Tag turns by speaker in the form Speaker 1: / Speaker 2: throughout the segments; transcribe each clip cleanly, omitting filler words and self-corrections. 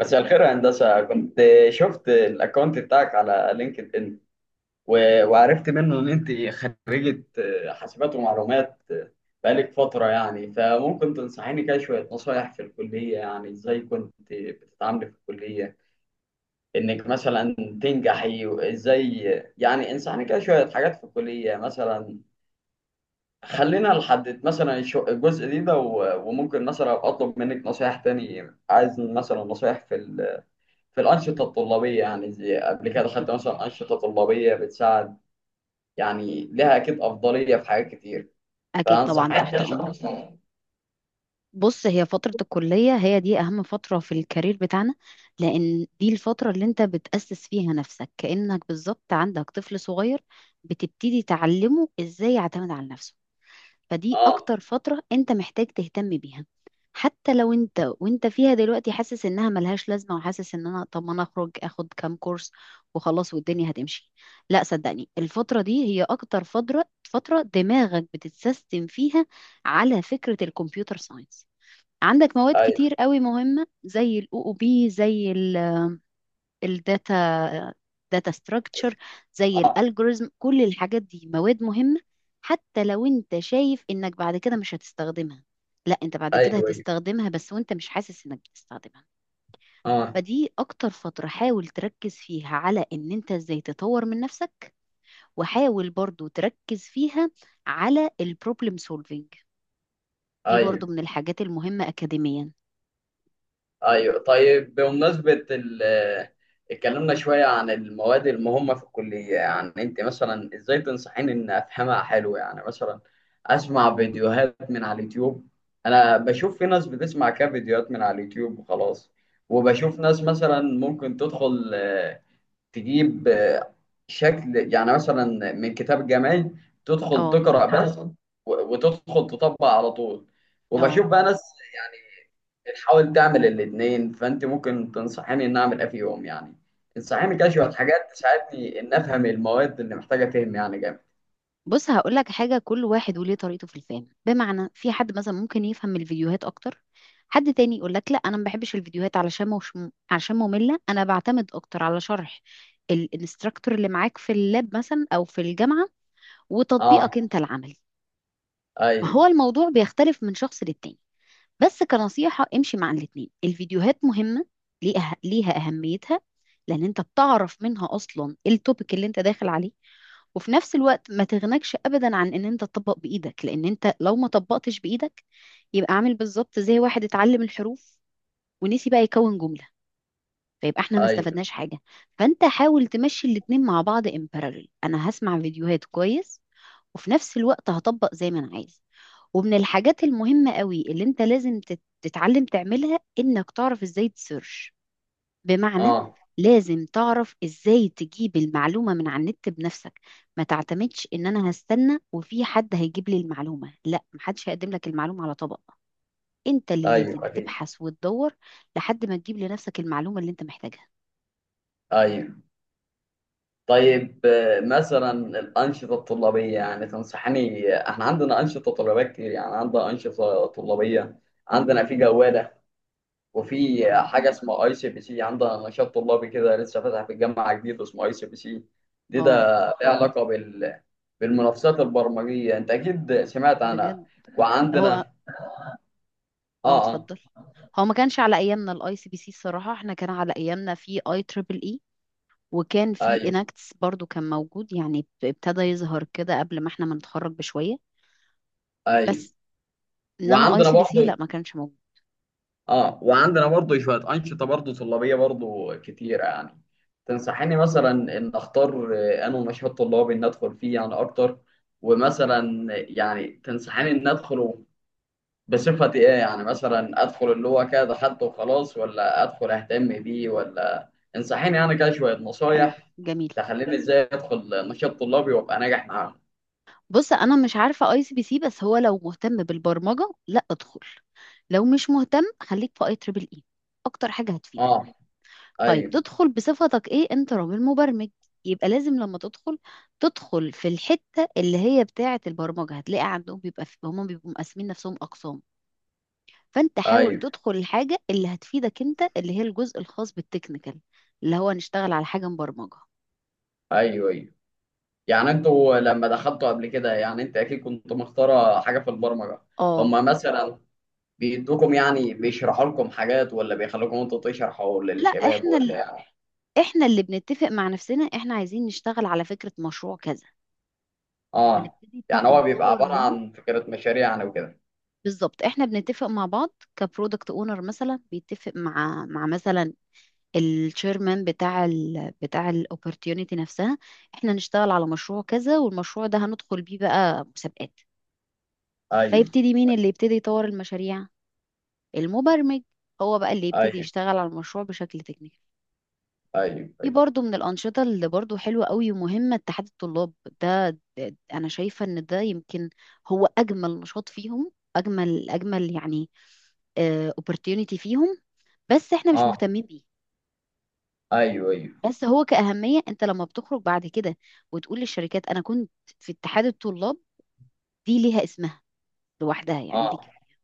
Speaker 1: مساء الخير يا هندسة. كنت شفت الأكونت بتاعك على لينكد إن، و- وعرفت منه إن أنت خريجة، حاسبات ومعلومات، بقالك فترة يعني. فممكن تنصحيني كده شوية نصايح في الكلية؟ يعني إزاي كنت بتتعاملي في الكلية إنك مثلا تنجحي؟ وإزاي، يعني انصحني كده شوية حاجات في الكلية، مثلا خلينا نحدد مثلا الجزء ده، و- وممكن مثلا أطلب منك نصايح تاني. عايز مثلا نصايح في في الأنشطة الطلابية، يعني زي قبل كده
Speaker 2: أكيد،
Speaker 1: خدت مثلا أنشطة طلابية بتساعد، يعني لها أكيد أفضلية في حاجات كتير،
Speaker 2: أكيد،
Speaker 1: فأنصح
Speaker 2: طبعا تحت
Speaker 1: أي
Speaker 2: أمرك.
Speaker 1: شخص.
Speaker 2: بص، هي فترة الكلية هي دي أهم فترة في الكارير بتاعنا، لأن دي الفترة اللي أنت بتأسس فيها نفسك، كأنك بالظبط عندك طفل صغير بتبتدي تعلمه إزاي يعتمد على نفسه. فدي
Speaker 1: آه.
Speaker 2: اكتر فترة انت محتاج تهتم بيها. حتى لو وانت فيها دلوقتي حاسس انها ملهاش لازمة، وحاسس ان انا، طب ما انا اخرج اخد كام كورس وخلاص والدنيا هتمشي، لا، صدقني الفترة دي هي اكتر فترة دماغك بتتسيستم فيها. على فكرة الكمبيوتر ساينس عندك مواد
Speaker 1: أيوه.
Speaker 2: كتير قوي مهمة، زي الاو او بي، زي الداتا داتا ستراكشر، زي
Speaker 1: آه.
Speaker 2: الالجوريزم، كل الحاجات دي مواد مهمة. حتى لو انت شايف انك بعد كده مش هتستخدمها، لا، انت بعد كده
Speaker 1: أيوه، أيوه.
Speaker 2: هتستخدمها، بس وانت مش حاسس انك بتستخدمها.
Speaker 1: آه.
Speaker 2: فدي اكتر فترة حاول تركز فيها على ان انت ازاي تطور من نفسك، وحاول برضو تركز فيها على البروبلم سولفينج، دي برضو
Speaker 1: أيوه،
Speaker 2: من الحاجات المهمة اكاديميا.
Speaker 1: ايوه. طيب بمناسبة اتكلمنا شوية عن المواد المهمة في الكلية. يعني انت مثلا ازاي تنصحيني ان افهمها حلو؟ يعني مثلا اسمع فيديوهات من على اليوتيوب. انا بشوف في ناس بتسمع كام فيديوهات من على اليوتيوب وخلاص، وبشوف ناس مثلا ممكن تدخل، تجيب، شكل يعني مثلا من كتاب جامعي، تدخل
Speaker 2: اه،
Speaker 1: تقرأ بس و- وتدخل تطبق على طول.
Speaker 2: اه.
Speaker 1: وبشوف بقى ناس يعني بتحاول تعمل الاتنين. فانت ممكن تنصحيني ان اعمل ايه في يوم يعني؟ تنصحيني كده شويه حاجات تساعدني ان افهم المواد اللي محتاجه فهم يعني جامد.
Speaker 2: بص، هقول لك حاجه، كل واحد وليه طريقته في الفهم، بمعنى في حد مثلا ممكن يفهم الفيديوهات اكتر، حد تاني يقول لك لا، انا ما بحبش الفيديوهات علشان مش عشان ممله، انا بعتمد اكتر على شرح الانستراكتور اللي معاك في اللاب مثلا او في الجامعه،
Speaker 1: اه،
Speaker 2: وتطبيقك انت العملي. ما هو
Speaker 1: ايوه،
Speaker 2: الموضوع بيختلف من شخص للتاني، بس كنصيحه امشي مع الاتنين، الفيديوهات مهمه، ليها اهميتها، لان انت بتعرف منها اصلا التوبيك اللي انت داخل عليه، وفي نفس الوقت ما تغنكش ابدا عن ان انت تطبق بايدك، لان انت لو ما طبقتش بايدك يبقى عامل بالظبط زي واحد اتعلم الحروف ونسي بقى يكون جملة، فيبقى احنا ما
Speaker 1: ايوه.
Speaker 2: استفدناش حاجة. فانت حاول تمشي الاتنين مع بعض ان parallel، انا هسمع فيديوهات كويس، وفي نفس الوقت هطبق زي ما انا عايز. ومن الحاجات المهمة قوي اللي انت لازم تتعلم تعملها، انك تعرف ازاي تسيرش، بمعنى
Speaker 1: اه،
Speaker 2: لازم تعرف ازاي تجيب المعلومة من على النت بنفسك، ما تعتمدش ان انا هستنى وفي حد هيجيب لي المعلومة، لا، محدش هيقدم لك المعلومة على طبق، انت اللي لازم
Speaker 1: ايوه، اكيد،
Speaker 2: تبحث وتدور لحد ما تجيب لنفسك المعلومة اللي انت محتاجها.
Speaker 1: ايوه. طيب، مثلا الانشطه الطلابيه، يعني تنصحني. احنا عندنا انشطه طلابيه كتير، يعني عندنا انشطه طلابيه. عندنا في جواله، وفي
Speaker 2: برافو.
Speaker 1: حاجة اسمها ICPC. عندنا نشاط طلابي كده لسه فاتح في الجامعة جديد اسمه ICPC. ده
Speaker 2: اه،
Speaker 1: ليه علاقة بال بالمنافسات البرمجية. انت اكيد سمعت عنها.
Speaker 2: بجد. هو،
Speaker 1: وعندنا،
Speaker 2: اه،
Speaker 1: اه، اه،
Speaker 2: اتفضل. هو ما كانش على ايامنا الاي سي بي سي الصراحة، احنا كان على ايامنا في اي تريبل اي، وكان في
Speaker 1: ايوه،
Speaker 2: اناكتس برضو كان موجود، يعني ابتدى يظهر كده قبل ما احنا ما نتخرج بشوية،
Speaker 1: ايوه.
Speaker 2: بس. انما اي
Speaker 1: وعندنا
Speaker 2: سي بي سي
Speaker 1: برضو،
Speaker 2: لا، ما كانش موجود.
Speaker 1: اه، وعندنا برضو شوية أنشطة برضو طلابية برضو كتيرة يعني. تنصحيني مثلا ان اختار انه نشاط طلابي ان ادخل فيه يعني اكتر. ومثلا، يعني تنصحيني ان ادخل بصفة ايه؟ يعني مثلا ادخل اللي هو كده دخلته وخلاص، ولا ادخل اهتم بيه، ولا انصحيني يعني كده شوية
Speaker 2: حلو،
Speaker 1: نصايح
Speaker 2: جميل.
Speaker 1: تخليني ازاي ادخل نشاط طلابي وابقى ناجح معاهم.
Speaker 2: بص، انا مش عارفه اي سي بي سي، بس هو لو مهتم بالبرمجه لا، ادخل، لو مش مهتم خليك في اي تريبل اي، اكتر حاجه هتفيدك.
Speaker 1: اه،
Speaker 2: طيب
Speaker 1: ايوه،
Speaker 2: تدخل بصفتك ايه، انت راجل مبرمج، يبقى لازم لما تدخل، تدخل في الحته اللي هي بتاعه البرمجه، هتلاقي عندهم بيبقى في، هم بيبقوا مقسمين نفسهم اقسام، فانت حاول
Speaker 1: ايوه.
Speaker 2: تدخل الحاجه اللي هتفيدك انت، اللي هي الجزء الخاص بالتكنيكال، اللي هو نشتغل على حاجه مبرمجه.
Speaker 1: ايوه، ايوه. يعني انتوا لما دخلتوا قبل كده، يعني انت اكيد كنت مختارة حاجة في البرمجة.
Speaker 2: اه،
Speaker 1: هما مثلا بيدوكم يعني بيشرحوا لكم حاجات، ولا بيخلوكم انتوا تشرحوا
Speaker 2: لا،
Speaker 1: للشباب
Speaker 2: احنا
Speaker 1: ولا يعني؟
Speaker 2: احنا اللي بنتفق مع نفسنا احنا عايزين نشتغل على فكرة مشروع كذا،
Speaker 1: اه.
Speaker 2: فنبتدي
Speaker 1: يعني هو بيبقى
Speaker 2: نطور
Speaker 1: عبارة
Speaker 2: منه.
Speaker 1: عن فكرة مشاريع يعني وكده؟
Speaker 2: بالظبط، احنا بنتفق مع بعض كبرودكت اونر مثلا بيتفق مع مثلا الشيرمان بتاع بتاع الاوبورتيونيتي نفسها، احنا نشتغل على مشروع كذا، والمشروع ده هندخل بيه بقى مسابقات،
Speaker 1: ايوه،
Speaker 2: فيبتدي مين اللي يبتدي يطور المشاريع، المبرمج، هو بقى اللي يبتدي
Speaker 1: ايوه.
Speaker 2: يشتغل على المشروع بشكل تكنيكال.
Speaker 1: ايوه،
Speaker 2: في
Speaker 1: ايوه.
Speaker 2: برضو من الأنشطة اللي برضو حلوة قوي ومهمة، اتحاد الطلاب، ده, ده أنا شايفة إن ده يمكن هو أجمل نشاط فيهم، أجمل أجمل يعني opportunity فيهم، بس إحنا مش
Speaker 1: اه،
Speaker 2: مهتمين بيه.
Speaker 1: ايوه، ايوه.
Speaker 2: بس هو كأهمية، أنت لما بتخرج بعد كده وتقول للشركات أنا كنت في اتحاد الطلاب، دي ليها اسمها لوحدها، يعني دي
Speaker 1: اه،
Speaker 2: كفاية.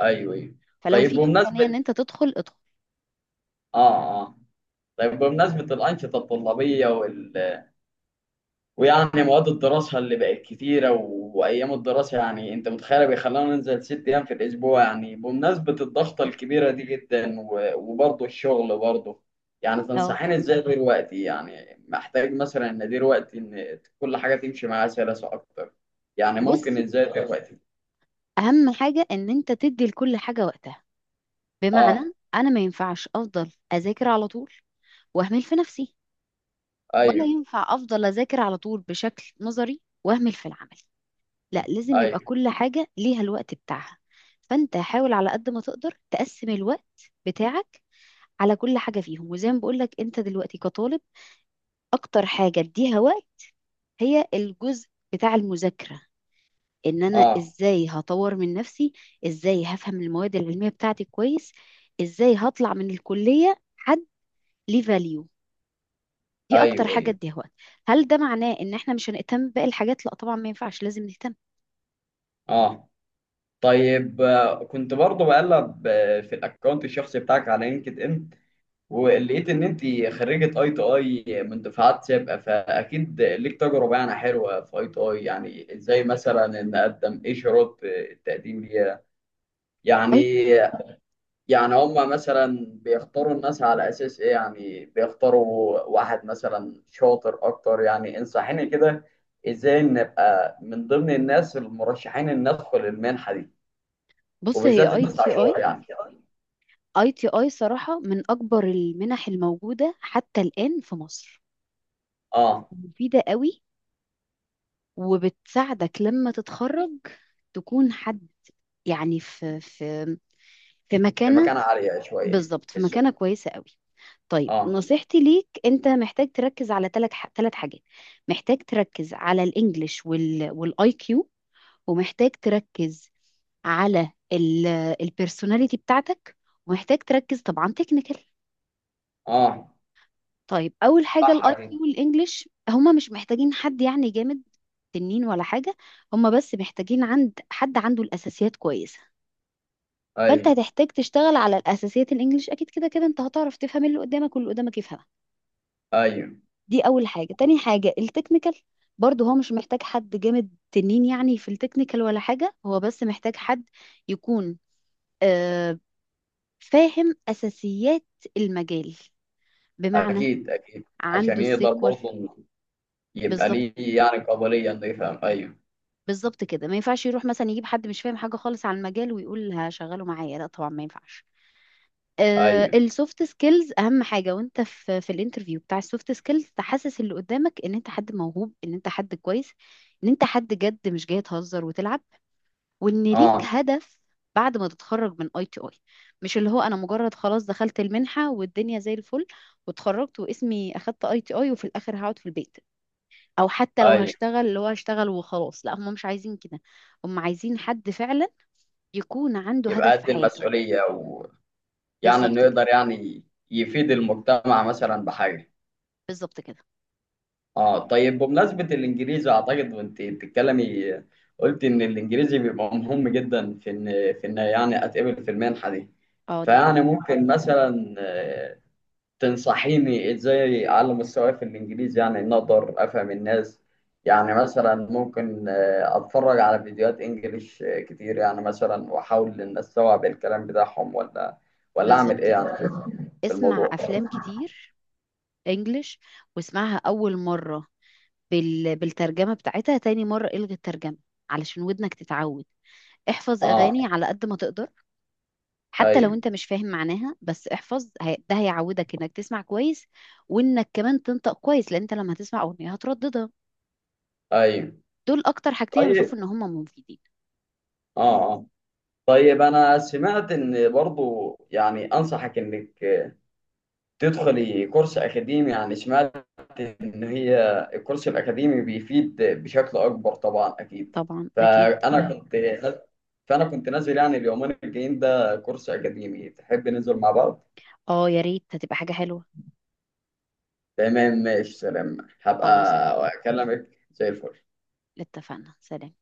Speaker 1: ايوه، ايوه.
Speaker 2: فلو
Speaker 1: طيب
Speaker 2: في إمكانية إن
Speaker 1: بمناسبة،
Speaker 2: أنت تدخل، ادخل.
Speaker 1: اه اه طيب بمناسبة الأنشطة الطلابية وال... ويعني مواد الدراسة اللي بقت كتيرة و وأيام الدراسة. يعني أنت متخيل بيخلونا ننزل 6 أيام في الأسبوع. يعني بمناسبة الضغطة الكبيرة دي جدا و وبرضه الشغل برضه، يعني
Speaker 2: اه،
Speaker 1: تنصحيني إزاي أدير وقتي؟ يعني محتاج مثلا إن أدير وقتي إن كل حاجة تمشي معايا سلاسة أكتر. يعني
Speaker 2: بص،
Speaker 1: ممكن إزاي أدير وقتي؟
Speaker 2: اهم حاجه ان انت تدي لكل حاجه وقتها، بمعنى
Speaker 1: اه،
Speaker 2: انا ما ينفعش افضل اذاكر على طول واهمل في نفسي، ولا
Speaker 1: ايوه،
Speaker 2: ينفع افضل اذاكر على طول بشكل نظري واهمل في العمل، لا، لازم يبقى
Speaker 1: ايوه.
Speaker 2: كل حاجة ليها الوقت بتاعها. فانت حاول على قد ما تقدر تقسم الوقت بتاعك على كل حاجة فيهم، وزي ما بقولك انت دلوقتي كطالب اكتر حاجة اديها وقت هي الجزء بتاع المذاكرة، ان انا
Speaker 1: اه،
Speaker 2: ازاي هطور من نفسي، ازاي هفهم المواد العلمية بتاعتي كويس، ازاي هطلع من الكلية حد ليه value، دي اكتر
Speaker 1: ايوه،
Speaker 2: حاجه
Speaker 1: ايوه.
Speaker 2: اديها وقت. هل ده معناه ان احنا مش هنهتم باقي الحاجات؟ لا طبعا، ما ينفعش، لازم نهتم.
Speaker 1: اه، طيب. كنت برضه بقلب في الاكونت الشخصي بتاعك على لينكد ان، ولقيت ان انت خريجه ITI من دفعات سابقه. فاكيد ليك تجربه يعني حلوه في ITI. يعني ازاي مثلا ان اقدم؟ ايه شروط التقديم ليها يعني؟
Speaker 2: اي،
Speaker 1: يعني هم مثلا بيختاروا الناس على اساس ايه؟ يعني بيختاروا واحد مثلا شاطر اكتر؟ يعني انصحيني كده ازاي نبقى من ضمن الناس المرشحين ان ندخل المنحه دي،
Speaker 2: بص، هي
Speaker 1: وبالذات
Speaker 2: اي
Speaker 1: التسع
Speaker 2: تي اي
Speaker 1: شهور يعني.
Speaker 2: اي تي اي صراحه من اكبر المنح الموجوده حتى الان في مصر،
Speaker 1: اه،
Speaker 2: مفيده قوي، وبتساعدك لما تتخرج تكون حد يعني في، في
Speaker 1: في
Speaker 2: مكانه،
Speaker 1: مكانة عالية شوية،
Speaker 2: بالظبط،
Speaker 1: في
Speaker 2: في مكانه
Speaker 1: السوق.
Speaker 2: كويسه قوي. طيب
Speaker 1: اه،
Speaker 2: نصيحتي ليك، انت محتاج تركز على ثلاث حاجات، محتاج تركز على الانجليش، والاي كيو، ومحتاج تركز على البيرسوناليتي بتاعتك، ومحتاج تركز طبعا تكنيكال.
Speaker 1: اه،
Speaker 2: طيب، اول حاجه
Speaker 1: صح،
Speaker 2: الاي كيو
Speaker 1: اكيد.
Speaker 2: والانجليش هما مش محتاجين حد يعني جامد تنين ولا حاجه، هما بس محتاجين عند حد عنده الاساسيات كويسه، فانت
Speaker 1: ايوه،
Speaker 2: هتحتاج تشتغل على الاساسيات. الانجليش اكيد كده كده انت هتعرف تفهم اللي قدامك واللي قدامك يفهمك،
Speaker 1: ايوه،
Speaker 2: دي اول حاجه. تاني حاجه التكنيكال، برضه هو مش محتاج حد جامد تنين يعني في التكنيكال ولا حاجه، هو بس محتاج حد يكون آه، فاهم اساسيات المجال، بمعنى
Speaker 1: اكيد، اكيد، عشان
Speaker 2: عنده
Speaker 1: يقدر
Speaker 2: السيكوال،
Speaker 1: برضه إنه يبقى
Speaker 2: بالظبط،
Speaker 1: ليه يعني قابلية انه يفهم. ايوه.
Speaker 2: بالظبط كده. ما ينفعش يروح مثلا يجيب حد مش فاهم حاجه خالص عن المجال ويقول هشغله معايا، لا طبعا ما ينفعش.
Speaker 1: ايوه،
Speaker 2: السوفت سكيلز اهم حاجه، وانت في الانترفيو بتاع السوفت سكيلز تحسس اللي قدامك ان انت حد موهوب، ان انت حد كويس، ان انت حد جد مش جاي تهزر وتلعب، وان ليك
Speaker 1: اه،
Speaker 2: هدف بعد ما تتخرج من اي تي اي. مش اللي هو انا مجرد خلاص دخلت المنحه والدنيا زي الفل، واتخرجت واسمي اخدت اي تي اي وفي الاخر هقعد في البيت، او حتى لو
Speaker 1: ايوه.
Speaker 2: هشتغل، اللي هو هشتغل وخلاص، لا، هم مش عايزين كده. هم عايزين حد فعلا يكون عنده
Speaker 1: يبقى
Speaker 2: هدف في
Speaker 1: قد
Speaker 2: حياته.
Speaker 1: المسؤولية، ويعني انه
Speaker 2: بالظبط كده،
Speaker 1: يقدر يعني يفيد المجتمع مثلا بحاجة.
Speaker 2: بالظبط كده.
Speaker 1: اه، طيب بمناسبة الانجليزي، اعتقد وانت بتتكلمي قلت ان الانجليزي بيبقى مهم جدا في ان، يعني اتقبل في المنحة دي.
Speaker 2: اه، دي
Speaker 1: فيعني
Speaker 2: حقيقه.
Speaker 1: ممكن مثلا، تنصحيني ازاي اعلي مستواي في الانجليزي؟ يعني ان اقدر افهم الناس. يعني مثلا ممكن اتفرج على فيديوهات انجليش كتير يعني. مثلا واحاول ان استوعب الكلام بتاعهم، ولا اعمل ايه
Speaker 2: بالظبط
Speaker 1: يعني
Speaker 2: كده،
Speaker 1: في في
Speaker 2: اسمع
Speaker 1: الموضوع؟
Speaker 2: افلام كتير انجلش، واسمعها اول مره بالترجمه بتاعتها، تاني مره الغي الترجمه علشان ودنك تتعود. احفظ
Speaker 1: اه،
Speaker 2: اغاني على قد ما تقدر، حتى لو
Speaker 1: ايوه،
Speaker 2: انت مش فاهم معناها، بس احفظ، ده هيعودك انك تسمع كويس، وانك كمان تنطق كويس، لان انت لما هتسمع اغنية هترددها.
Speaker 1: ايوه.
Speaker 2: دول اكتر حاجتين
Speaker 1: طيب،
Speaker 2: بشوف ان هم مفيدين.
Speaker 1: اه اه طيب انا سمعت ان برضو يعني انصحك انك تدخلي كورس اكاديمي. يعني سمعت ان هي الكورس الاكاديمي بيفيد بشكل اكبر طبعا اكيد.
Speaker 2: طبعا اكيد.
Speaker 1: نعم، كنت نازل يعني اليومين الجايين ده كورس اكاديمي، تحب ننزل مع بعض؟
Speaker 2: اه، يا ريت، هتبقى حاجة حلوة.
Speaker 1: تمام، ماشي، سلام. هبقى
Speaker 2: خلاص،
Speaker 1: اكلمك، زي الفل.
Speaker 2: اتفقنا، سلام.